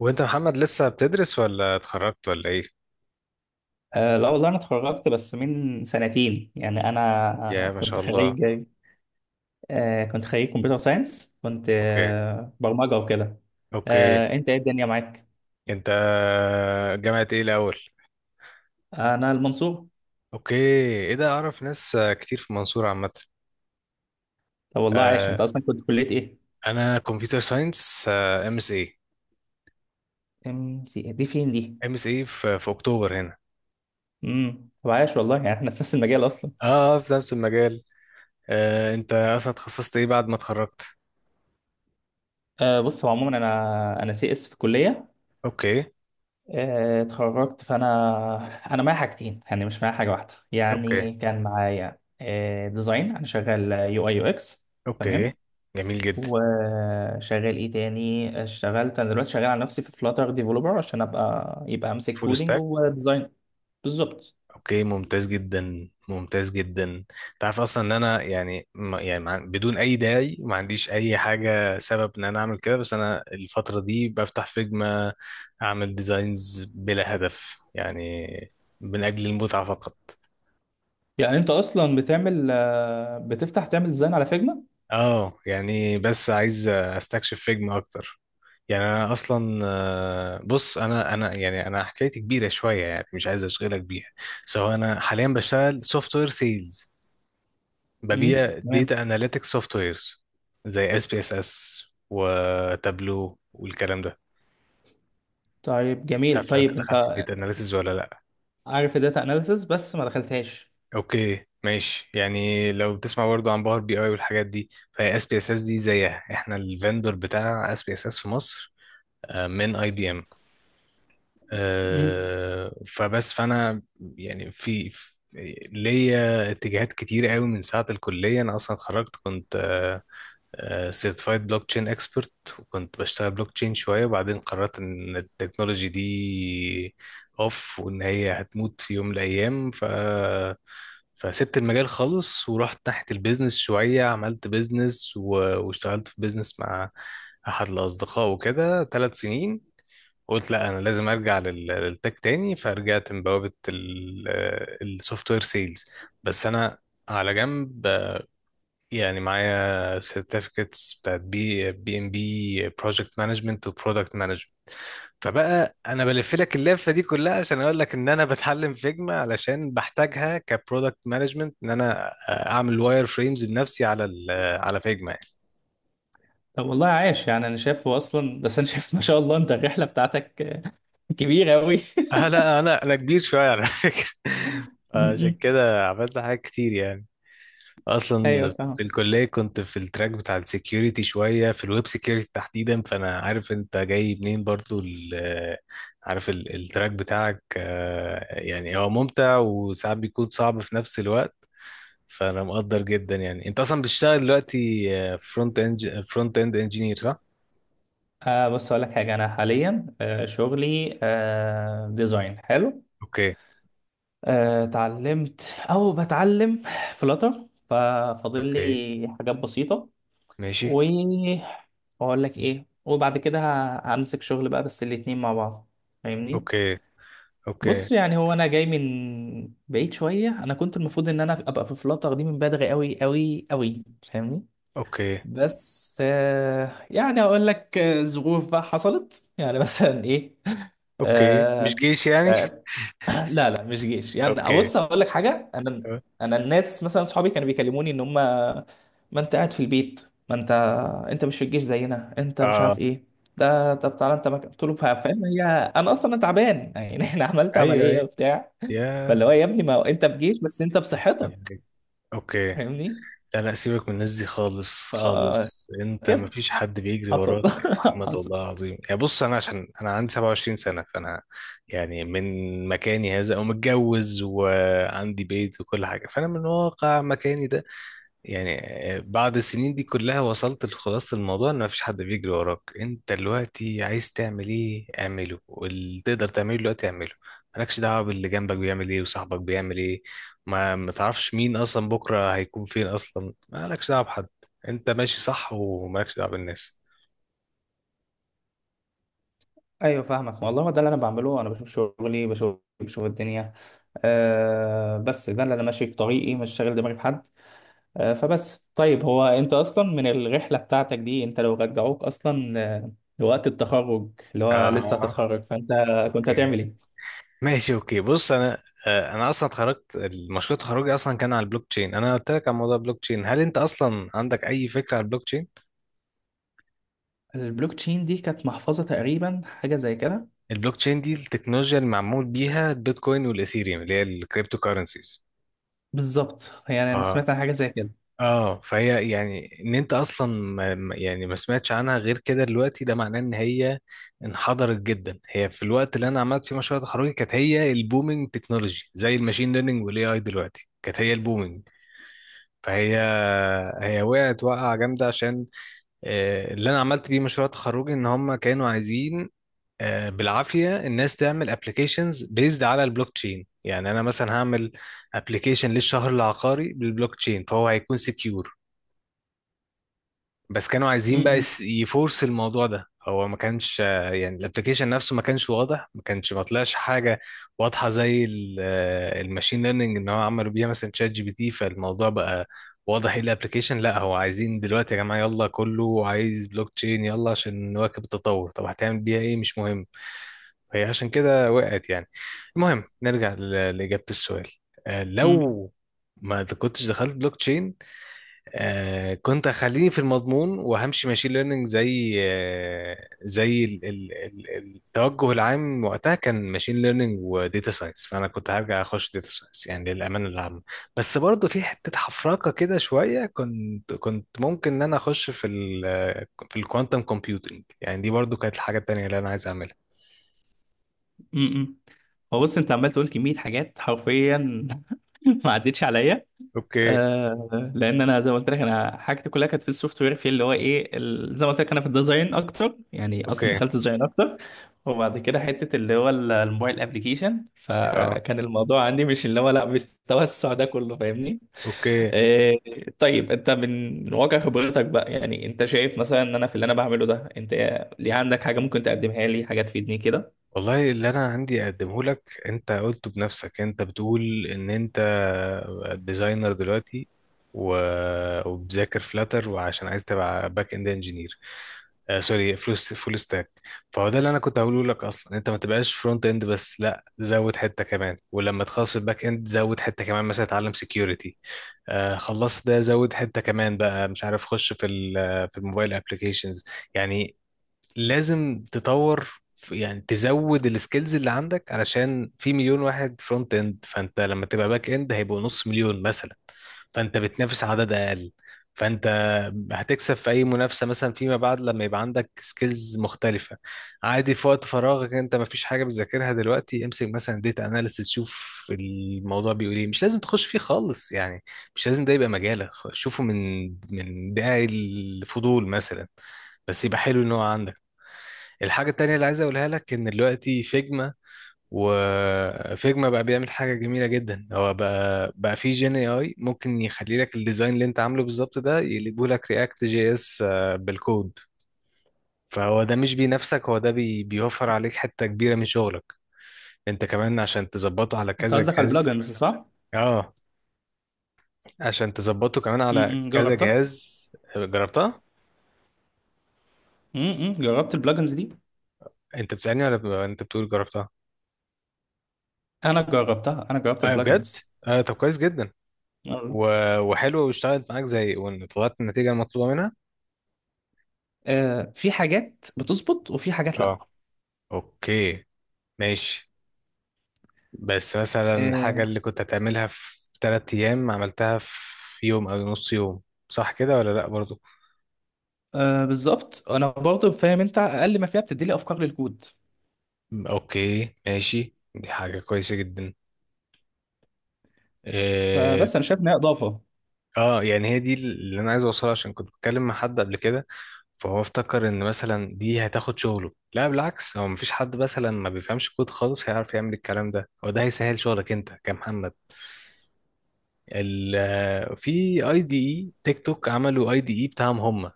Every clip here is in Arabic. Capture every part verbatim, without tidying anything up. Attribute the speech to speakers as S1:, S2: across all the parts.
S1: وانت محمد لسه بتدرس ولا اتخرجت ولا ايه؟
S2: آه لا والله، انا اتخرجت بس من سنتين. يعني
S1: يا
S2: انا
S1: ما
S2: كنت
S1: شاء الله.
S2: خريج. آه، كنت خريج كمبيوتر ساينس. كنت
S1: اوكي.
S2: آه برمجة وكده.
S1: اوكي.
S2: آه، انت ايه الدنيا معاك؟
S1: انت جامعة ايه الاول؟
S2: انا المنصور.
S1: اوكي. ايه ده، اعرف ناس كتير في المنصورة عامة.
S2: طب والله عايش،
S1: آه،
S2: انت اصلا كنت كلية ايه؟
S1: انا كمبيوتر ساينس. ام اس اي.
S2: ام سي إيه؟ دي فين دي؟
S1: ام اس اي في في اكتوبر هنا.
S2: امم طب عايش والله، يعني احنا في نفس المجال اصلا.
S1: اه، في نفس المجال. آه، انت اصلا اتخصصت ايه بعد ما اتخرجت؟
S2: آه، بص، هو عموما انا انا سي اس في الكليه.
S1: اوكي.
S2: آه اتخرجت، فانا انا معايا حاجتين، يعني مش معايا حاجه واحده.
S1: اوكي.
S2: يعني كان معايا آه ديزاين، انا شغال يو اي يو اكس.
S1: اوكي.
S2: تمام.
S1: جميل جدا.
S2: وشغال ايه تاني؟ اشتغلت انا دلوقتي شغال على نفسي في فلاتر ديفلوبر، عشان ابقى يبقى امسك
S1: فول
S2: كودينج
S1: ستاك.
S2: وديزاين. بالظبط.
S1: اوكي، ممتاز جدا ممتاز جدا. انت عارف اصلا ان انا يعني ما- يعني مع- بدون اي داعي ما عنديش اي حاجه سبب ان انا اعمل كده، بس انا الفتره دي بفتح فيجما، اعمل ديزاينز بلا هدف يعني، من اجل المتعه فقط.
S2: يعني انت اصلا بتعمل آه، بتفتح تعمل ديزاين على فيجما؟
S1: اه يعني بس عايز استكشف فيجما اكتر. يعني انا اصلا آه، بص انا انا يعني انا حكايتي كبيره شويه يعني، مش عايز اشغلك بيها. سو انا حاليا بشتغل سوفت وير سيلز،
S2: امم
S1: ببيع
S2: تمام.
S1: ديتا اناليتكس سوفت ويرز زي اس بي اس اس وتابلو والكلام ده.
S2: طيب
S1: مش
S2: جميل،
S1: عارف لو انت
S2: طيب انت.
S1: دخلت في الديتا اناليسز ولا لا.
S2: عارف الداتا اناليسز، بس ما دخلتهاش.
S1: اوكي ماشي، يعني لو بتسمع برضه عن باور بي اي والحاجات دي، فهي اس بي اس اس دي زيها، احنا الفندور بتاع اس بي اس اس في مصر، آه، من اي بي ام.
S2: امم.
S1: فبس فانا يعني في في- ليا اتجاهات كتير قوي من ساعة الكلية. أنا أصلا اتخرجت كنت آه، سيرتيفايد بلوك تشين اكسبرت، وكنت بشتغل بلوك تشين شويه، وبعدين قررت ان التكنولوجي دي اوف وان، هي هتموت في يوم من الايام. ف فسبت المجال خالص ورحت ناحيه البيزنس شويه، عملت بيزنس و... واشتغلت في بيزنس مع احد الاصدقاء وكده ثلاث سنين. قلت لا انا لازم ارجع لل... للتك تاني، فرجعت من بوابه السوفت وير سيلز. بس انا على جنب، يعني معايا certificates بتاعت بي بي ام بي، بروجكت مانجمنت وبرودكت مانجمنت. فبقى انا بلف لك اللفه دي كلها عشان اقول لك ان انا بتعلم فيجما علشان بحتاجها كبرودكت مانجمنت، ان انا آه، اعمل واير فريمز بنفسي على ال آه، على فيجما يعني.
S2: طب والله عاش، يعني انا شايفه اصلا. بس انا شايف ما شاء الله، انت الرحله بتاعتك آه، كبيره قوي.
S1: أه لا انا انا كبير شويه على فكره عشان كده عملت حاجات كتير يعني،
S2: ايوه
S1: اصلا
S2: فاهم.
S1: في الكليه كنت في التراك بتاع السكيورتي شويه، في الويب سكيورتي تحديدا. فانا عارف انت جاي منين برضو ال- آه، عارف ال- التراك بتاعك، آه، يعني هو ممتع وساعات بيكون صعب في نفس الوقت. فانا مقدر جدا. يعني انت اصلا بتشتغل دلوقتي فرونت اند فرونت اند انجينير صح؟
S2: آه، بص، اقول لك حاجه. انا حاليا آه شغلي آه ديزاين حلو.
S1: اوكي.
S2: آه، اتعلمت او بتعلم فلاتر، ففاضل
S1: اوكي
S2: لي حاجات بسيطة.
S1: ماشي.
S2: واقول لك ايه، وبعد كده ه- همسك شغل بقى، بس الاتنين مع بعض. فاهمني.
S1: اوكي. اوكي.
S2: بص يعني هو انا جاي من بعيد شوية، انا كنت المفروض ان انا ابقى في فلاتر دي من بدري قوي قوي قوي. فاهمني.
S1: اوكي.
S2: بس آه، يعني اقول لك آه، ظروف بقى حصلت يعني مثلا ايه.
S1: اوكي مش
S2: آه،
S1: جيش يعني.
S2: لا لا، مش جيش يعني.
S1: اوكي.
S2: بص، هقول لك حاجه انا انا الناس مثلا صحابي كانوا بيكلموني ان هم ما انت قاعد في البيت، ما انت انت مش في الجيش زينا، انت مش
S1: اه.
S2: عارف ايه. ده طب تعالى، انت مك... قلت له فا- فاهم هي. انا اصلا أنا تعبان يعني انا عملت
S1: ايوه
S2: عمليه
S1: ايوه
S2: وبتاع. فاللي
S1: يا
S2: هو، يا ابني ما هو انت في جيش بس انت
S1: سلام
S2: بصحتك.
S1: عليكم. اوكي.
S2: فاهمني.
S1: لا لا سيبك من الناس دي، خالص
S2: ف
S1: خالص، انت
S2: كده
S1: مفيش حد بيجري
S2: حصل.
S1: وراك يا محمد
S2: حصل.
S1: والله العظيم يعني. بص انا عشان انا عندي سبعة وعشرين سنة، فانا يعني من مكاني هذا ومتجوز وعندي بيت وكل حاجة، فانا من واقع مكاني ده، يعني بعد السنين دي كلها، وصلت لخلاصة الموضوع ان مفيش حد بيجري وراك. انت دلوقتي عايز تعمل ايه اعمله، واللي تقدر تعمله دلوقتي اعمله. مالكش دعوة باللي جنبك بيعمل ايه وصاحبك بيعمل ايه. ما ما تعرفش مين اصلا بكرة هيكون فين اصلا، مالكش دعوة بحد. انت ماشي صح ومالكش دعوة بالناس.
S2: ايوه فاهمك والله، ده اللي انا بعمله، انا بشوف شغلي، بشوف بشوف الدنيا. أه بس ده اللي انا ماشي في طريقي، مش شاغل دماغي بحد. آه، فبس طيب، هو انت اصلا من الرحله بتاعتك دي، انت لو رجعوك اصلا آه، لوقت التخرج اللي هو لسه
S1: اه.
S2: هتتخرج، فانت كنت هتعمل
S1: اوكي
S2: ايه؟
S1: ماشي، اوكي بص انا، آه، انا اصلا اتخرجت، المشروع تخرجي اصلا كان على البلوك تشين. انا قلت لك على موضوع البلوك تشين، هل انت اصلا عندك اي فكرة على البلوك تشين؟
S2: البلوك تشين دي كانت محفظه تقريبا، حاجه زي كده.
S1: البلوك تشين دي التكنولوجيا اللي معمول بيها البيتكوين والاثيريوم اللي هي الكريبتو كارنسيز.
S2: بالظبط، يعني
S1: ف...
S2: انا سمعت عن حاجه زي كده.
S1: اه فهي يعني ان انت اصلا ما ما- يعني ما سمعتش عنها غير كده دلوقتي، ده معناه ان هي انحدرت جدا. هي في الوقت اللي انا عملت فيه مشروع تخرجي كانت هي البومينج تكنولوجي زي الماشين ليرنينج، والاي اي دلوقتي كانت هي البومينج. فهي، هي وقعت وقعة جامدة عشان آه، اللي انا عملت بيه مشروع تخرجي ان هم كانوا عايزين آه، بالعافيه الناس تعمل ابلكيشنز بيزد على البلوك تشين. يعني انا مثلا هعمل ابلكيشن للشهر العقاري بالبلوك تشين، فهو هيكون سكيور. بس كانوا
S2: م-
S1: عايزين بقى
S2: م-
S1: يس- يفورس الموضوع ده. هو ما كانش آه، يعني الابلكيشن نفسه ما كانش واضح، ما كانش ما طلعش حاجه واضحه زي الماشين ليرنينج ان هو عملوا بيها مثلا شات جي بي تي. فالموضوع بقى واضح ايه الابلكيشن. لا هو عايزين دلوقتي يا جماعه يلا كله عايز بلوك تشين يلا عشان نواكب التطور، طب هتعمل بيها ايه؟ مش مهم. فهي عشان كده وقعت يعني. المهم نرجع ل- لإجابة السؤال. آه،
S2: م-
S1: لو ما د- كنتش دخلت بلوك تشين، آه، كنت هخليني في المضمون وهمشي ماشين ليرنينج، زي آه، زي ال- ال- ال- التوجه العام وقتها كان ماشين ليرنينج وديتا ساينس، فانا كنت هرجع اخش ديتا ساينس يعني للامانه العامه. بس برضه في حته حفرقه كده شويه، كنت كنت ممكن ان انا اخش في ال في الكوانتم كومبيوتنج، يعني دي برضه كانت الحاجه التانيه اللي انا عايز اعملها.
S2: م- م. هو بص، انت عمال تقول كميه حاجات حرفيا ما عدتش عليا.
S1: اوكي.
S2: آه لان انا زي ما قلت لك، انا حاجتي كلها كانت في السوفت وير في اللي هو ايه ال- زي ما قلت لك انا في الديزاين اكتر يعني، اصلا
S1: اوكي.
S2: دخلت ديزاين اكتر. وبعد كده حته اللي هو ال- الموبايل ابلكيشن،
S1: اه.
S2: فكان الموضوع عندي مش اللي هو لا بالتوسع ده كله، فاهمني.
S1: اوكي.
S2: آه. طيب، انت من من واقع خبرتك بقى، يعني انت شايف مثلا ان انا في اللي انا بعمله ده، انت ليه عندك حاجه ممكن تقدمها لي، حاجه تفيدني كده.
S1: والله اللي انا عندي اقدمه لك، انت قلته بنفسك، انت بتقول ان انت ديزاينر دلوقتي و... وبذاكر فلاتر وعشان عايز تبقى باك اند انجينير، آه سوري، فول فول ستاك. فهو ده اللي انا كنت هقوله لك، اصلا انت ما تبقاش فرونت اند بس، لا زود حته كمان. ولما تخلص الباك اند زود حته كمان مثلا اتعلم سكيورتي. آه خلصت ده، زود حته كمان بقى، مش عارف، خش في ال- في الموبايل ابلكيشنز يعني. لازم تطور في- يعني تزود السكيلز اللي عندك، علشان في مليون واحد فرونت اند، فانت لما تبقى باك اند هيبقوا نص مليون مثلا، فانت بتنافس عدد اقل، فانت هتكسب في اي منافسه مثلا فيما بعد لما يبقى عندك سكيلز مختلفه. عادي في وقت فراغك انت ما فيش حاجه بتذاكرها دلوقتي، امسك مثلا ديتا اناليسيس، شوف الموضوع بيقول ايه. مش لازم تخش فيه خالص يعني، مش لازم ده يبقى مجالك، خ- شوفه من من داعي الفضول مثلا، بس يبقى حلو ان هو عندك. الحاجة التانية اللي عايز أقولها لك، إن دلوقتي فيجما، وفيجما بقى بيعمل حاجة جميلة جدا، هو بقى بقى في جين اي اي ممكن يخلي لك الديزاين اللي انت عامله بالظبط ده يقلبه لك رياكت جي اس بالكود. فهو ده مش بينافسك، هو ده بي بيوفر عليك حتة كبيرة من شغلك انت كمان عشان تظبطه على
S2: انت
S1: كذا
S2: قصدك على
S1: جهاز.
S2: البلجنز، صح؟
S1: اه عشان تظبطه كمان على
S2: م- م،
S1: كذا
S2: جربتها.
S1: جهاز. جربتها؟
S2: م- م، جربت البلجنز دي.
S1: انت بتسألني ولا ب- انت بتقول جربتها؟
S2: انا جربتها، انا جربت
S1: اه بجد؟
S2: البلجنز.
S1: اه طب كويس جدا.
S2: آه.
S1: و- وحلوة، واشتغلت معاك زي وان؟ طلعت النتيجة المطلوبة منها؟
S2: آه، في حاجات بتظبط وفي حاجات
S1: اه.
S2: لا.
S1: اوكي ماشي. بس مثلا الحاجة
S2: آه،
S1: اللي كنت هتعملها في تلات ايام، عملتها في يوم او نص يوم، صح كده ولا لا برضو؟
S2: آه، بالظبط، انا برضه فاهم، انت اقل ما فيها بتدي لي افكار للكود.
S1: اوكي ماشي، دي حاجة كويسة جدا. اه.
S2: فبس انا شايف ان هي اضافه.
S1: آه، يعني هي دي اللي انا عايز اوصلها، عشان كنت بتكلم مع حد قبل كده، فهو افتكر ان مثلا دي هتاخد شغله. لا بالعكس، هو مفيش حد مثلا ما بيفهمش كود خالص هيعرف يعمل الكلام ده. هو ده هيسهل شغلك انت كمحمد. ال في اي دي اي تيك توك عملوا اي دي اي بتاعهم هم،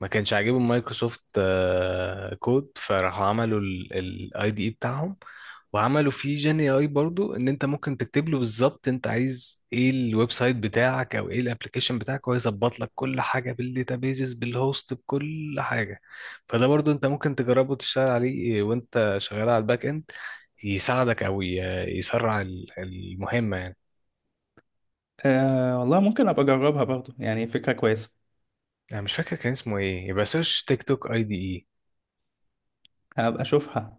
S1: ما كانش عاجبهم مايكروسوفت آه، كود، فراحوا عملوا الاي دي اي بتاعهم وعملوا فيه جين اي برضو، ان انت ممكن تكتب له بالظبط انت عايز ايه الويب سايت بتاعك او ايه الابلكيشن بتاعك، وهو يظبط لك كل حاجه بالداتابيزز بالهوست بكل حاجه. فده برضو انت ممكن تجربه تشتغل عليه، وانت شغال على الباك اند يساعدك او ي- يسرع ال- المهمه يعني.
S2: آه، والله ممكن ابقى اجربها برضه، يعني فكره كويسه.
S1: انا مش فاكر كان اسمه ايه، يبقى سيرش تيك توك اي دي اي.
S2: هبقى اشوفها،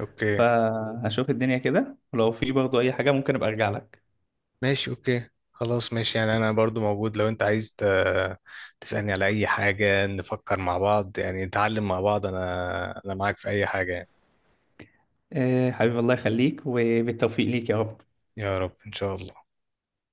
S1: اوكي
S2: فهشوف الدنيا كده، ولو في برضه اي حاجه ممكن ابقى ارجع لك.
S1: ماشي، اوكي خلاص ماشي، يعني انا برضو موجود، لو انت عايز ت... تسألني على اي حاجة نفكر مع بعض، يعني نتعلم مع بعض، انا انا معاك في اي حاجة يعني.
S2: آه، حبيبي الله يخليك وبالتوفيق ليك يا رب.
S1: يا رب ان شاء الله.